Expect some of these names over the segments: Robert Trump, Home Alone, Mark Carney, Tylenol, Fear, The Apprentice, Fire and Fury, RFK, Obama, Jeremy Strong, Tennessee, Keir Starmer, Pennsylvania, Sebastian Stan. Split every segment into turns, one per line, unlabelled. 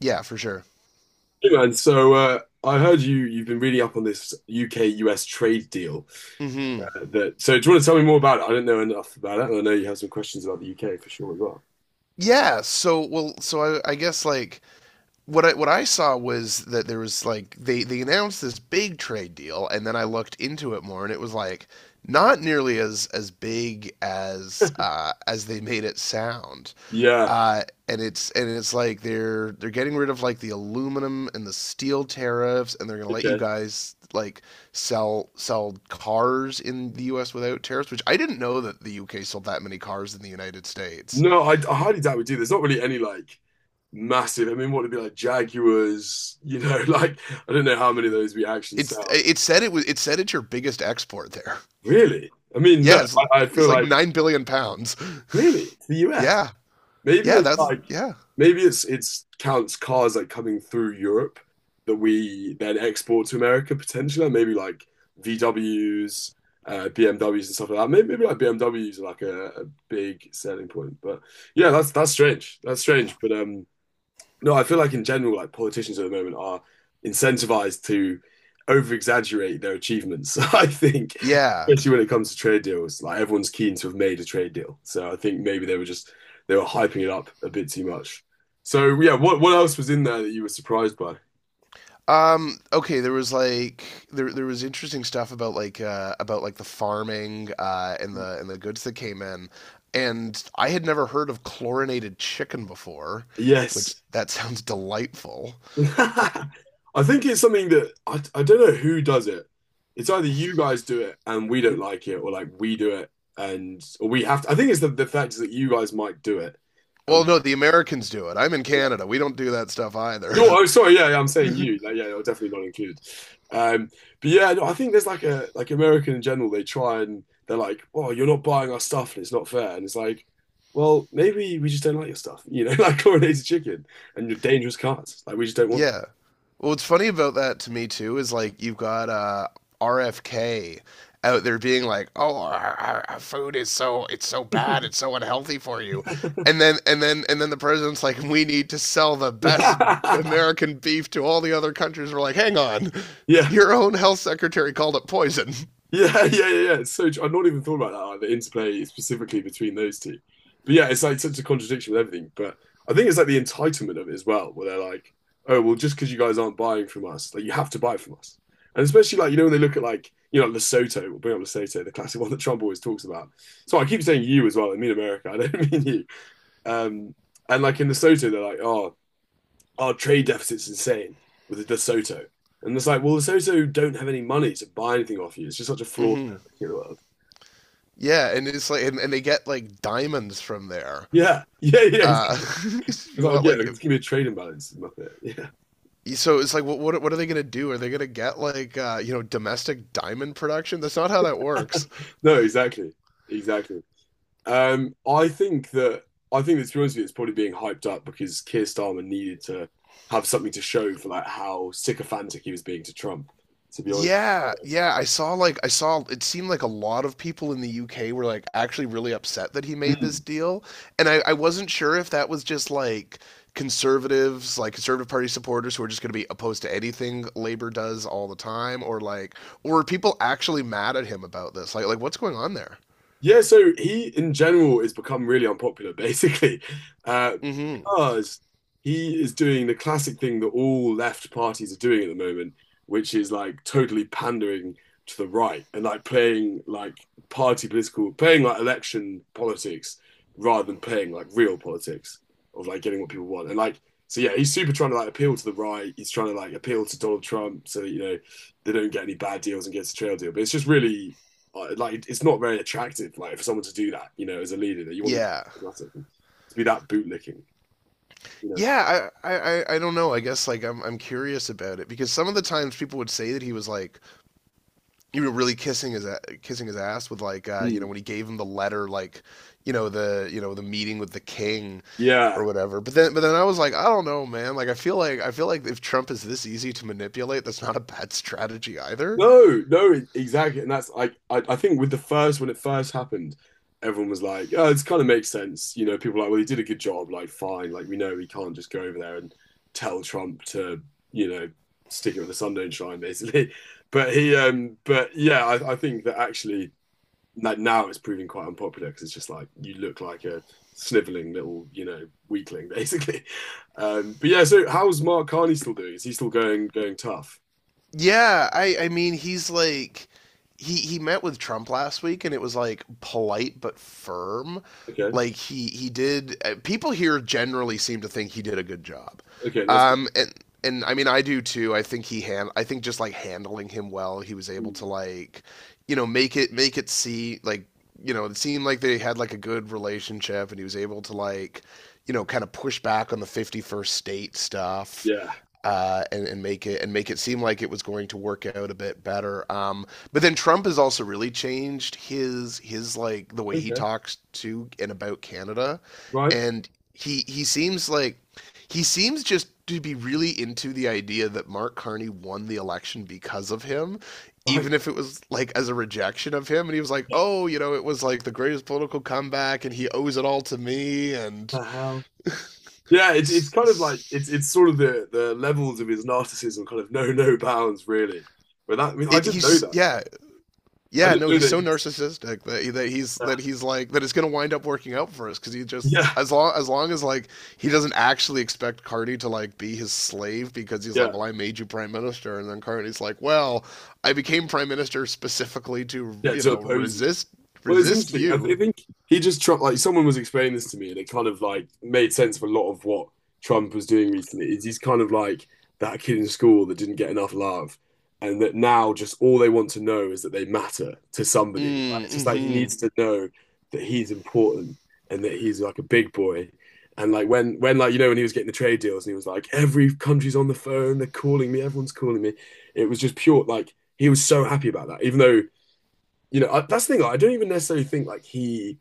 Yeah, for sure.
Hey man, I heard you've been really up on this UK-US trade deal
Hmm.
that so do you want to tell me more about it? I don't know enough about it, and I know you have some questions about the UK for sure as well.
So I guess like what I saw was that there was like they announced this big trade deal, and then I looked into it more, and it was like not nearly as big as they made it sound.
Yeah,
And it's like they're getting rid of like the aluminum and the steel tariffs, and they're gonna let you
okay.
guys like sell cars in the U.S. without tariffs, which I didn't know that the U.K. sold that many cars in the United States.
No, I highly doubt we do. There's not really any like massive. I mean, what would be like Jaguars? You know, like I don't know how many of those we actually
It's
sell.
it said it was it said it's your biggest export there.
Really? I mean,
Yeah,
look,
it's,
I
it's
feel
like
like
£9 billion.
really it's the US.
Yeah,
Maybe
yeah,
it's
that's
like
yeah,
maybe it's counts cars like coming through Europe that we then export to America potentially, like, maybe like VWs, BMWs and stuff like that. Maybe like BMWs are like a big selling point. But yeah, that's strange. That's strange. But No, I feel like in general, like politicians at the moment are incentivized to over exaggerate their achievements. I think,
yeah.
especially when it comes to trade deals, like everyone's keen to have made a trade deal. So I think maybe they were hyping it up a bit too much. So yeah, what else was in there that you were surprised by?
Okay, there was like there was interesting stuff about like the farming and the goods that came in. And I had never heard of chlorinated chicken before, which
Yes.
that sounds delightful. Uh,
I think it's something that I don't know who does it. It's either you guys do it and we don't like it, or like we do it and or we have to. I think it's the fact is that you guys might do it
Well,
and
no, the Americans do it. I'm in Canada. We don't do that stuff either.
no, oh, sorry. Yeah, yeah, I'm saying you. Like, yeah, I are definitely not included. Um, but yeah, no, I think there's like a like American in general. They try and they're like, "Oh, you're not buying our stuff, and it's not fair." And it's like, well, maybe we just don't like your stuff. You know, like coronated chicken and your dangerous cards. Like we just don't want
Yeah. Well, what's funny about that to me too is like you've got RFK out there being like, "Oh, our food is so it's so bad, it's so unhealthy for you,"
that.
and then the president's like, "We need to sell the best American beef to all the other countries." We're like, "Hang on,
Yeah.
your own health secretary called it poison."
Yeah, yeah, yeah, yeah. It's so tr- I've not even thought about that, like the interplay specifically between those two. But yeah, it's like such a contradiction with everything. But I think it's like the entitlement of it as well, where they're like, oh, well, just because you guys aren't buying from us, like you have to buy from us. And especially like, you know, when they look at like, you know, Lesotho, we'll bring up Lesotho, the classic one that Trump always talks about. So I keep saying you as well, I mean America, I don't mean you. Um, and like in Lesotho, they're like, oh, our trade deficit's insane with the De Soto. And it's like, well, De Soto don't have any money to buy anything off you. It's just such a flawed
Hmm.
in the world.
Yeah, and it's like, and they get like diamonds from there.
Yeah, yeah, yeah.
Uh,
Exactly.
if
It's
you
like,
want
yeah,
like
just give me a trade imbalance. Muppet. Yeah.
so it's like, what are they going to do? Are they going to get like you know, domestic diamond production? That's not how that works.
No, exactly. Exactly. Um, I think that I think that to be honest with you, it's probably being hyped up because Keir Starmer needed to have something to show for like how sycophantic he was being to Trump, to be honest.
Yeah, yeah. I saw like I saw it seemed like a lot of people in the UK were like actually really upset that he made this deal, and I wasn't sure if that was just like conservatives, like conservative party supporters who are just going to be opposed to anything Labour does all the time, or like, or are people actually mad at him about this? Like what's going on there?
Yeah, so he in general has become really unpopular, basically, uh,
Hmm.
because he is doing the classic thing that all left parties are doing at the moment, which is like totally pandering to the right and like playing like party political, playing like election politics rather than playing like real politics of like getting what people want. And like, so yeah, he's super trying to like appeal to the right. He's trying to like appeal to Donald Trump so that, you know, they don't get any bad deals and gets a trail deal. But it's just really, like it's not very attractive. Like for someone to do that, you know, as a leader, that you want
Yeah.
to be that bootlicking, you know.
Yeah, don't know. I guess like I'm curious about it because some of the times people would say that he was like, you know, really kissing his ass with like, you know,
Mm.
when he gave him the letter, like, you know, the meeting with the king or
Yeah.
whatever. But then I was like, I don't know, man. Like, I feel like if Trump is this easy to manipulate, that's not a bad strategy either.
No, no, e, exactly. And that's like I think with the first when it first happened, everyone was like, "Oh, this kind of makes sense." You know, people were like, "Well, he did a good job." Like, fine. Like, we know we can't just go over there and tell Trump to, you know, stick it with the sun don't shine, basically. But he, but yeah, I think that actually no- now it's proving quite unpopular because it's just like you look like a sniveling little, you know, weakling basically. But yeah, so how's Mark Carney still doing? Is he still going tough?
Yeah, I mean he's like he met with Trump last week and it was like polite but firm.
Okay,
Like he did people here generally seem to think he did a good job.
okay, that's good.
Um, and and I mean, I do too. I think just like handling him well, he was able
Mm,
to like, you know, make it see like, you know, it seemed like they had like a good relationship, and he was able to like, you know, kind of push back on the 51st state stuff.
yeah,
And make it seem like it was going to work out a bit better. But then Trump has also really changed his like the way he
okay,
talks to and about Canada,
right,
and he seems like he seems just to be really into the idea that Mark Carney won the election because of him, even
right.
if it was like as a rejection of him. And he was like, oh, you know, it was like the greatest political comeback and he owes it all to me. And
The hell? Yeah, it's it's sort of the levels of his narcissism kind of know no bounds really. But that I mean, I
it,
didn't know
he's,
that.
yeah,
I
Yeah,
didn't
no,
know
he's
that.
so
He's,
narcissistic that
yeah,
he's like that it's gonna wind up working out for us because he just
yeah,
as long as like he doesn't actually expect Carney to like be his slave because he's like,
yeah,
well, I made you prime minister, and then Carney's like, well, I became prime minister specifically to,
yeah.
you
To
know,
oppose you. Well, it's
resist
interesting. I, th-
you.
I think he just Trump, like someone was explaining this to me, and it kind of like made sense for a lot of what Trump was doing recently. Is he's kind of like that kid in school that didn't get enough love, and that now just all they want to know is that they matter to somebody. Like,
Mm,
it's just like he
hmm
needs to know that he's important and that he's like a big boy. And like when when he was getting the trade deals, and he was like, every country's on the phone, they're calling me, everyone's calling me. It was just pure like he was so happy about that, even though you know, I, that's the thing. Like, I don't even necessarily think like he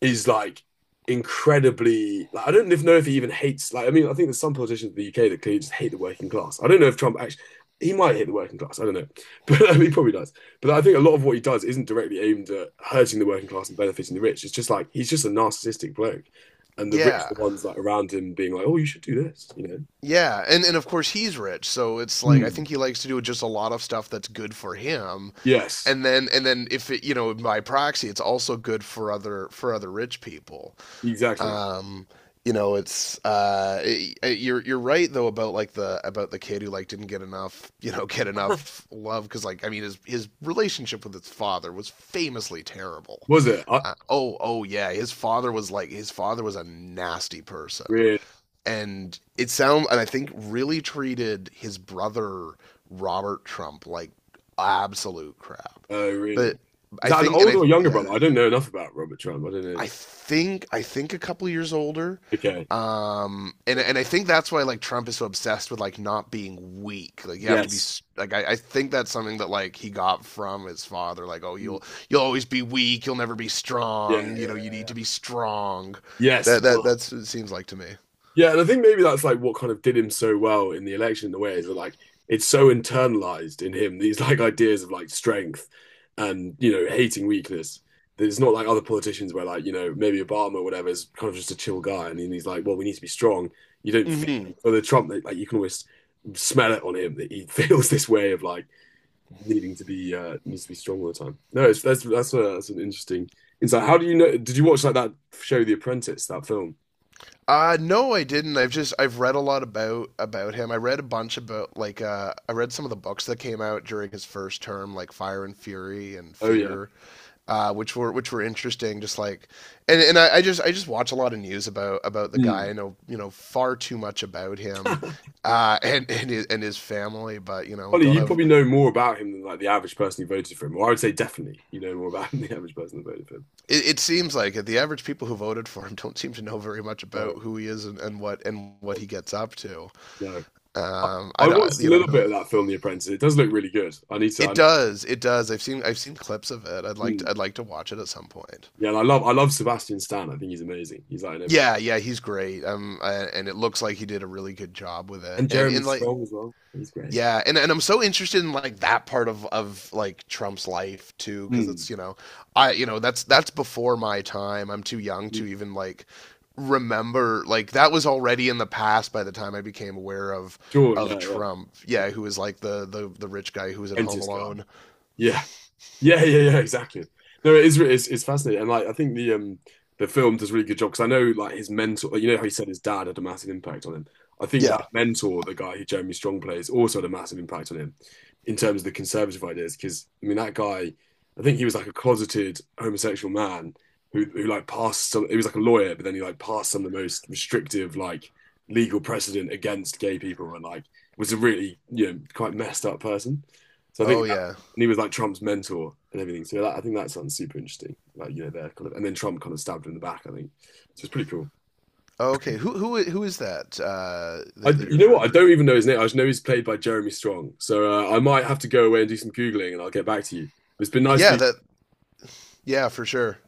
is like incredibly. Like, I don't know if he even hates. Like, I mean, I think there's some politicians in the UK that clearly just hate the working class. I don't know if Trump actually. He might hate the working class. I don't know, but I mean, he probably does. But I think a lot of what he does isn't directly aimed at hurting the working class and benefiting the rich. It's just like he's just a narcissistic bloke, and the rich are
Yeah.
the ones like around him being like, "Oh, you should do this," you know.
Yeah, and of course he's rich, so it's like I
Hmm.
think he likes to do just a lot of stuff that's good for him
Yes,
and then if it, you know, by proxy it's also good for other rich people.
exactly.
um you know, you're right though about like the about the kid who like didn't get enough, you know, get enough love, because like I mean his relationship with his father was famously terrible.
Was it? I
Oh, yeah, his father was a nasty person,
really.
and it sounds and I think really treated his brother Robert Trump like absolute crap.
Oh, really?
But
Is
I
that an
think and
older
I
or younger
yeah,
brother? I don't know enough about Robert Trump. I don't know.
I think a couple years older.
Okay.
And I think that's why like Trump is so obsessed with like not being weak. Like you have to be
Yes.
like I think that's something that like he got from his father, like oh
Mm.
you'll always be weak, you'll never be
Yeah, yeah,
strong, you know, you
yeah,
need
yeah.
to be strong.
Yes.
That that
Well,
that's what it seems like to me.
yeah, and I think maybe that's like what kind of did him so well in the election in a way is that like it's so internalized in him, these like ideas of like strength and, you know, hating weakness. That it's not like other politicians where like, you know, maybe Obama or whatever is kind of just a chill guy and then he's like, well, we need to be strong. You don't feel
Mhm.
it. For the Trump, like you can always smell it on him that he feels this way of like needing to be needs to be strong all the time. No, it's, that's that's an interesting insight. How do you know? Did you watch like that show, The Apprentice, that film?
No, I didn't. I've read a lot about him. I read a bunch about like I read some of the books that came out during his first term, like Fire and Fury and
Oh yeah.
Fear, which were interesting. Just like and I just watch a lot of news about the guy.
Hmm.
I know you know far too much about him, and and his family, but you know,
Ollie,
don't
you
have.
probably know more about him than like the average person who voted for him. Or I would say definitely you know more about him than the average person who voted for him.
It seems like the average people who voted for him don't seem to know very much
No,
about who he is, and, and what he gets up to.
no. I,
I
I
don't,
watched a
you
little
know,
bit of that film, The Apprentice. It does look really good. I need to.
it
I,
does. It does. I've seen clips of it.
hmm.
I'd like to watch it at some point.
Yeah, and I love Sebastian Stan. I think he's amazing. He's like in everything.
Yeah, yeah, he's great. And it looks like he did a really good job with it.
And Jeremy
And like
Strong as well. He's great.
yeah, and I'm so interested in like that part of like Trump's life too, because
Hmm.
it's you know, I you know that's before my time. I'm too young
Hmm.
to even like remember like that was already in the past by the time I became aware of
Sure. Yeah. Yeah.
Trump. Yeah, who was like the rich guy who was in Home
Apprentice guy.
Alone.
Yeah. Yeah, yeah, yeah, exactly. No, it is re- it's fascinating, and like I think the film does a really good job because I know like his mentor, like, you know how he said his dad had a massive impact on him. I think
Yeah.
that mentor, the guy who Jeremy Strong plays, also had a massive impact on him in terms of the conservative ideas. Because I mean, that guy, I think he was like a closeted homosexual man who like passed some. He was like a lawyer, but then he like passed some of the most restrictive like legal precedent against gay people, and like was a really you know quite messed up person. So I think
Oh yeah.
and he was like Trump's mentor and everything. So that, I think that sounds super interesting. Like you know, they're kind of, and then Trump kind of stabbed him in the back. I think so. It's pretty cool.
Okay, who is that
I,
that you're
you know what?
referring
I
to?
don't even know his name. I just know he's played by Jeremy Strong. So I might have to go away and do some googling, and I'll get back to you. It's been nice to
Yeah,
be.
that yeah for sure.